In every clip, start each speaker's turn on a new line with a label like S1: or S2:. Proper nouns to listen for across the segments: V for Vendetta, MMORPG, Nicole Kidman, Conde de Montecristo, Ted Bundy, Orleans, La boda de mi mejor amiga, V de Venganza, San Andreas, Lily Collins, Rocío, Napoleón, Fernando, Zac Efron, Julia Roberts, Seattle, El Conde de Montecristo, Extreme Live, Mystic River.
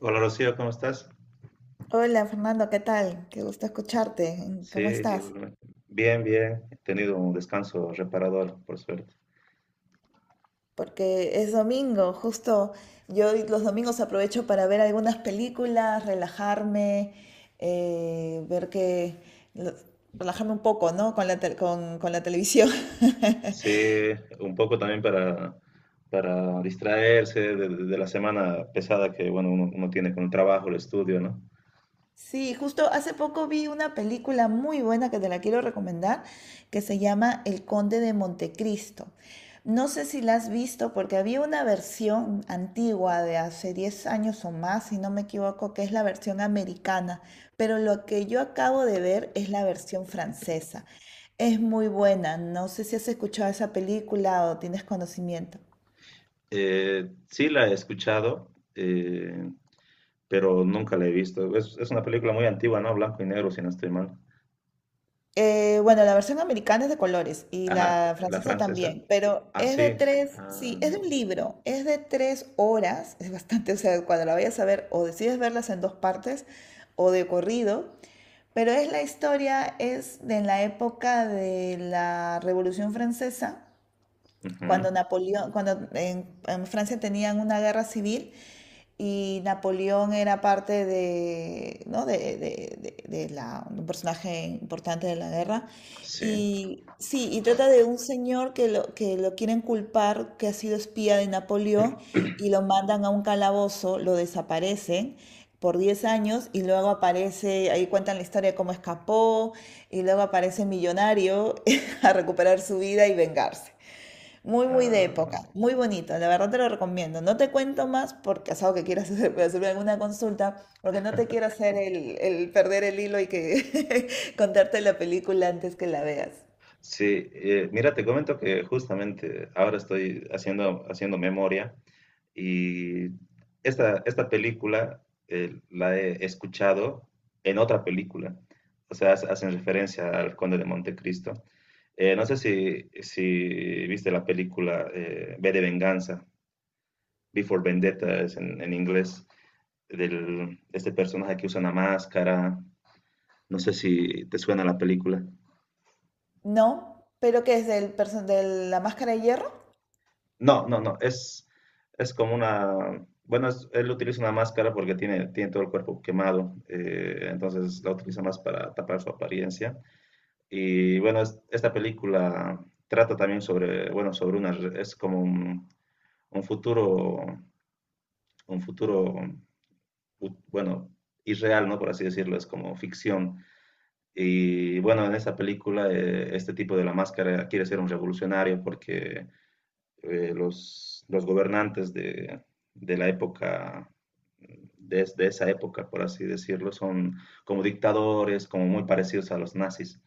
S1: Hola Rocío, ¿cómo estás?
S2: Hola Fernando, ¿qué tal? Qué gusto escucharte. Mm,
S1: Sí,
S2: ¿cómo estás?
S1: igualmente. Bien, bien. He tenido un descanso reparador, por suerte.
S2: Porque es domingo, justo yo los domingos aprovecho para ver algunas películas, relajarme, ver lo- relajarme un poco, ¿no? Con la televisión.
S1: Sí, un poco también para distraerse de la semana pesada que, bueno, uno tiene con el trabajo, el estudio, ¿no?
S2: Sí, justo hace poco vi una película muy buena que te la quiero recomendar, que se llama El Conde de Montecristo. No sé si la has visto porque había una versión antigua de hace 10 años o más, si no me equivoco, que es la versión americana, pero lo que yo acabo de ver es la versión francesa. Es muy buena, no sé si has escuchado esa película o tienes conocimiento.
S1: Sí la he escuchado, pero nunca la he visto. Es una película muy antigua, ¿no? Blanco y negro, si no estoy mal.
S2: Bueno, la versión americana es de colores y
S1: Ajá,
S2: la
S1: la
S2: francesa
S1: francesa.
S2: también, pero
S1: Ah,
S2: es
S1: sí.
S2: de tres, sí,
S1: Ah,
S2: es de
S1: no.
S2: un libro, es de 3 horas, es bastante, o sea, cuando la vayas a ver, o decides verlas en dos partes o de corrido, pero es la historia, es de la época de la Revolución Francesa
S1: Ujú.
S2: cuando Napoleón, cuando en Francia tenían una guerra civil y Napoleón era parte de, ¿no? de la, un personaje importante de la guerra.
S1: Sí.
S2: Y sí, y trata de un señor que lo quieren culpar, que ha sido espía de Napoleón, y lo mandan a un calabozo, lo desaparecen por 10 años y luego aparece, ahí cuentan la historia de cómo escapó, y luego aparece millonario a recuperar su vida y vengarse. Muy, muy de época,
S1: Ah,
S2: muy bonito, la verdad te lo recomiendo. No te cuento más porque es algo que quieras hacer, puede hacerme alguna consulta, porque no te quiero hacer el perder el hilo y que contarte la película antes que la veas.
S1: sí, mira, te comento que justamente ahora estoy haciendo, haciendo memoria, y esta película, la he escuchado en otra película. O sea, hacen referencia al Conde de Montecristo. No sé si, si viste la película V de Venganza, V for Vendetta es en inglés, del, este personaje que usa una máscara, no sé si te suena la película.
S2: No, pero ¿qué es de la máscara de hierro?
S1: No, no, no, es como una, bueno, él utiliza una máscara porque tiene, tiene todo el cuerpo quemado. Entonces la utiliza más para tapar su apariencia. Y bueno, esta película trata también sobre, bueno, sobre una, es como un futuro, un futuro, bueno, irreal, ¿no? Por así decirlo, es como ficción. Y bueno, en esta película, este tipo de la máscara quiere ser un revolucionario porque los gobernantes de la época, de esa época, por así decirlo, son como dictadores, como muy parecidos a los nazis.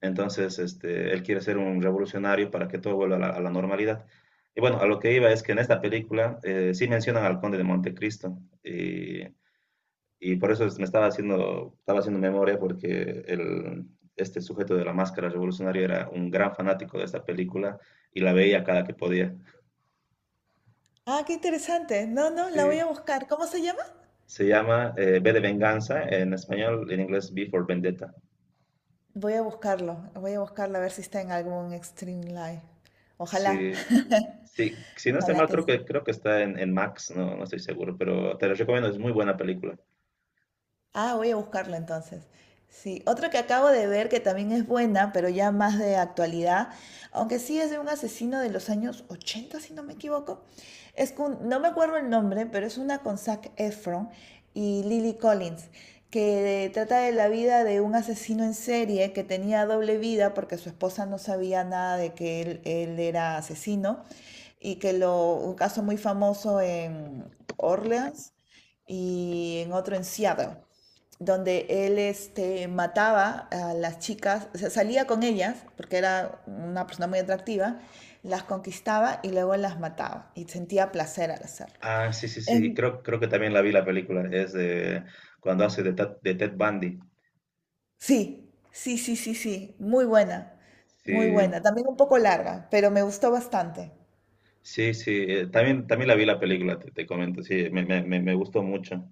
S1: Entonces, este, él quiere ser un revolucionario para que todo vuelva a la normalidad. Y bueno, a lo que iba es que en esta película, sí mencionan al Conde de Montecristo. Y, me estaba haciendo memoria porque el, este sujeto de la máscara revolucionaria era un gran fanático de esta película y la veía cada que podía.
S2: Ah, qué interesante. No, no, la voy
S1: Sí,
S2: a buscar. ¿Cómo se llama?
S1: se llama V de Venganza, en español, en inglés V for Vendetta.
S2: Voy a buscarlo a ver si está en algún Extreme Live. Ojalá,
S1: Sí, sí, si no estoy
S2: ojalá
S1: mal,
S2: que sí.
S1: creo que está en Max, no, no estoy seguro, pero te lo recomiendo, es muy buena película.
S2: Ah, voy a buscarla entonces. Sí, otro que acabo de ver que también es buena, pero ya más de actualidad, aunque sí es de un asesino de los años 80, si no me equivoco. Es con, no me acuerdo el nombre, pero es una con Zac Efron y Lily Collins, que trata de la vida de un asesino en serie que tenía doble vida porque su esposa no sabía nada de que él era asesino un caso muy famoso en Orleans y en otro en Seattle donde él este, mataba a las chicas, o sea, salía con ellas, porque era una persona muy atractiva, las conquistaba y luego las mataba y sentía placer al hacerlo.
S1: Ah, sí, sí, sí,
S2: En-
S1: creo, creo que también la vi la película, es de cuando hace de Ted Bundy.
S2: sí, sí, sí, sí, sí, muy
S1: Sí,
S2: buena, también un poco larga, pero me gustó bastante.
S1: sí, sí, también, también la vi la película, te comento, sí, me gustó mucho,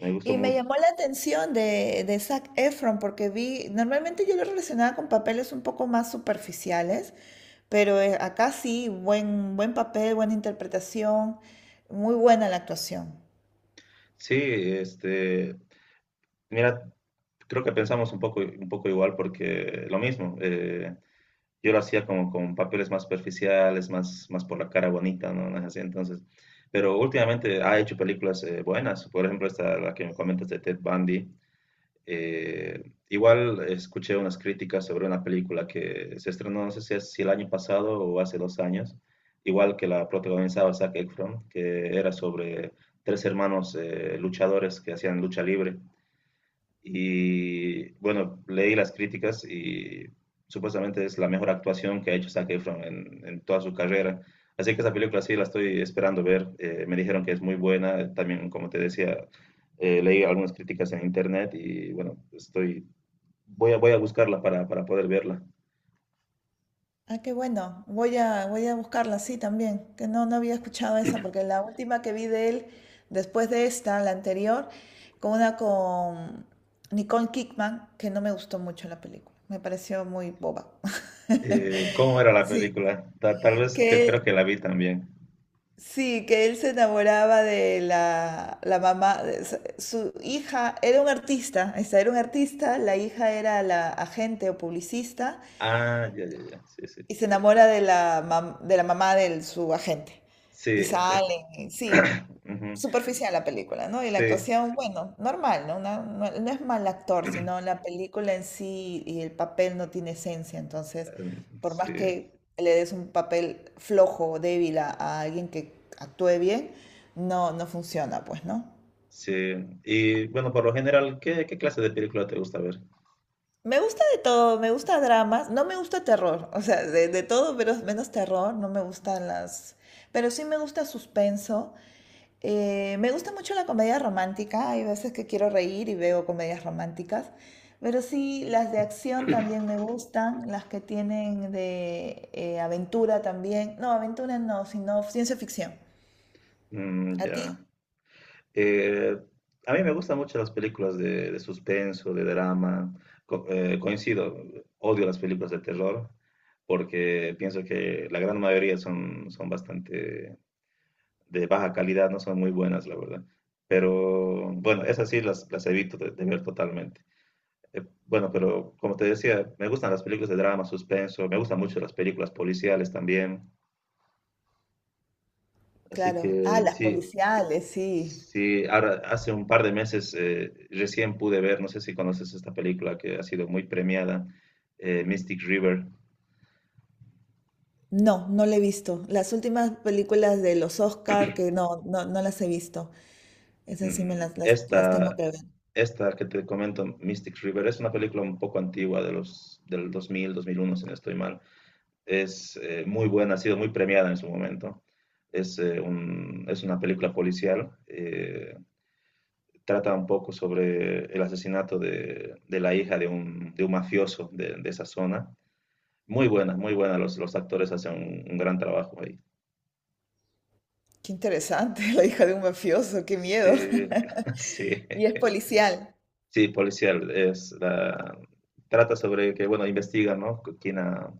S1: me gustó
S2: Y me
S1: mucho.
S2: llamó la atención de Zac Efron porque vi, normalmente yo lo relacionaba con papeles un poco más superficiales, pero acá sí, buen, buen papel, buena interpretación, muy buena la actuación.
S1: Sí, este, mira, creo que pensamos un poco igual porque lo mismo, yo lo hacía como con papeles más superficiales, más por la cara bonita, ¿no? No es así, entonces, pero últimamente ha hecho películas buenas, por ejemplo, esta, la que me comentas de Ted Bundy. Igual escuché unas críticas sobre una película que se estrenó, no sé si, si el año pasado o hace dos años, igual que la protagonizaba Zac Efron, que era sobre tres hermanos luchadores que hacían lucha libre, y bueno, leí las críticas y supuestamente es la mejor actuación que ha hecho Zac Efron en toda su carrera. Así que esa película sí la estoy esperando ver. Me dijeron que es muy buena. También, como te decía, leí algunas críticas en internet y bueno, estoy, voy a, voy a buscarla para poder verla.
S2: Ah, qué bueno, voy a, voy a buscarla, sí, también, que no, no había escuchado esa porque la última que vi de él, después de esta, la anterior, con una con Nicole Kidman, que no me gustó mucho la película, me pareció muy boba.
S1: ¿Cómo era la
S2: Sí,
S1: película? Tal vez que creo
S2: que
S1: que la vi también.
S2: Sí, que él se enamoraba de la, la mamá, su hija era un artista, esta era un artista, la hija era la agente o publicista,
S1: Ah, ya, ya, ya. Sí, sí.
S2: y se enamora de la, de la mamá de su agente.
S1: Sí,
S2: Y
S1: de-
S2: salen, y sí,
S1: ujú,
S2: superficial la película, ¿no? Y la
S1: sí,
S2: actuación, bueno, normal, ¿no? No, no es mal actor, sino la película en sí y el papel no tiene esencia. Entonces, por
S1: sí.
S2: más que le des un papel flojo o débil a alguien que actúe bien, no, no funciona, pues, ¿no?
S1: Sí, y bueno, por lo general, ¿qué, qué clase de película te gusta ver?
S2: Me gusta de todo, me gusta dramas, no me gusta terror, o sea, de todo pero menos terror, no me gustan las... Pero sí me gusta suspenso. Me gusta mucho la comedia romántica, hay veces que quiero reír y veo comedias románticas, pero sí las de acción también me gustan, las que tienen de aventura también, no, aventura no, sino ciencia ficción.
S1: Mm,
S2: ¿A ti?
S1: ya. Eh, a mí me gustan mucho las películas de suspenso, de drama. Coincido, odio las películas de terror porque pienso que la gran mayoría son, son bastante de baja calidad, no son muy buenas, la verdad. Pero bueno, esas sí las evito de ver totalmente. Bueno, pero como te decía, me gustan las películas de drama, suspenso, me gustan mucho las películas policiales también. Así
S2: Claro. Ah,
S1: que
S2: las
S1: sí,
S2: policiales, sí.
S1: sí, ahora hace un par de meses, recién pude ver, no sé si conoces esta película que ha sido muy premiada, Mystic River.
S2: No, no la he visto. Las últimas películas de los Oscar, que no, no, no las he visto. Esas sí me
S1: Mm,
S2: las tengo que ver.
S1: Esta que te comento, Mystic River, es una película un poco antigua de los, del 2000, 2001, si no estoy mal. Es, muy buena, ha sido muy premiada en su momento. Es una película policial. Eh, trata un poco sobre el asesinato de la hija de un mafioso de esa zona. Muy buena, muy buena. Los actores hacen un gran trabajo ahí.
S2: Qué interesante, la hija de un mafioso, qué miedo.
S1: Sí, sí,
S2: Y es policial.
S1: sí, policial. Trata sobre que, bueno, investigan, ¿no?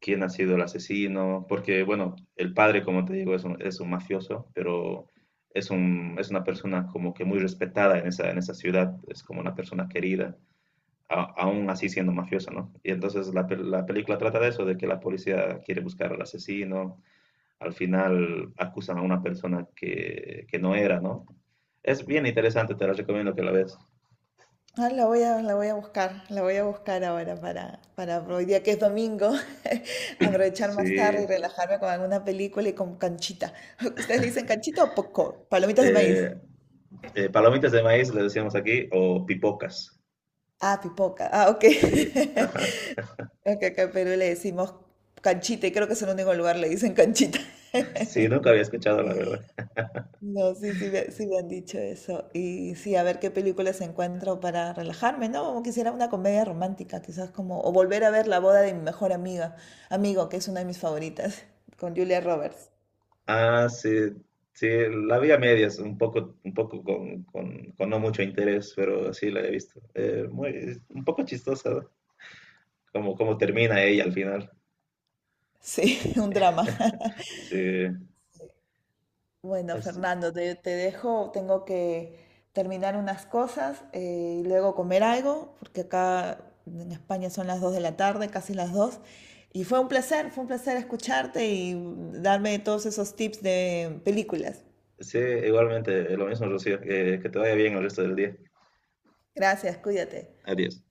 S1: Quién ha sido el asesino, porque, bueno, el padre, como te digo, es un mafioso, pero es una persona como que muy respetada en esa ciudad, es como una persona querida. Aún así siendo mafiosa, ¿no? Y entonces la película trata de eso, de que la policía quiere buscar al asesino, al final acusan a una persona que no era, ¿no? Es bien interesante, te la recomiendo que la veas.
S2: Ah, la voy a buscar, la voy a buscar ahora para hoy día que es domingo, aprovechar más tarde
S1: Sí.
S2: y relajarme con alguna película y con canchita. ¿Ustedes le dicen canchita o popcorn? Palomitas de maíz.
S1: Eh, Palomitas de maíz, le decíamos aquí, o pipocas.
S2: Ah, pipoca. Ah, ok.
S1: Sí, ajá.
S2: Acá, acá pero le decimos canchita y creo que es el único lugar le dicen canchita.
S1: Sí, nunca había escuchado, la verdad.
S2: No, sí, sí, sí me han dicho eso. Y sí, a ver qué películas encuentro para relajarme, ¿no? Como quisiera una comedia romántica, quizás como, o volver a ver La boda de mi mejor amiga, amigo, que es una de mis favoritas, con Julia Roberts.
S1: Ah, sí, sí, la vi a medias, un poco con, con no mucho interés, pero sí la he visto. Muy, un poco chistosa, ¿no? Cómo, cómo termina ella al final.
S2: Sí, un drama.
S1: Sí,
S2: Bueno,
S1: así-
S2: Fernando, te dejo, tengo que terminar unas cosas y luego comer algo, porque acá en España son las 2 de la tarde, casi las 2. Y fue un placer escucharte y darme todos esos tips de películas.
S1: sí, igualmente, lo mismo, Rocío, que te vaya bien el resto del día.
S2: Gracias, cuídate.
S1: Adiós.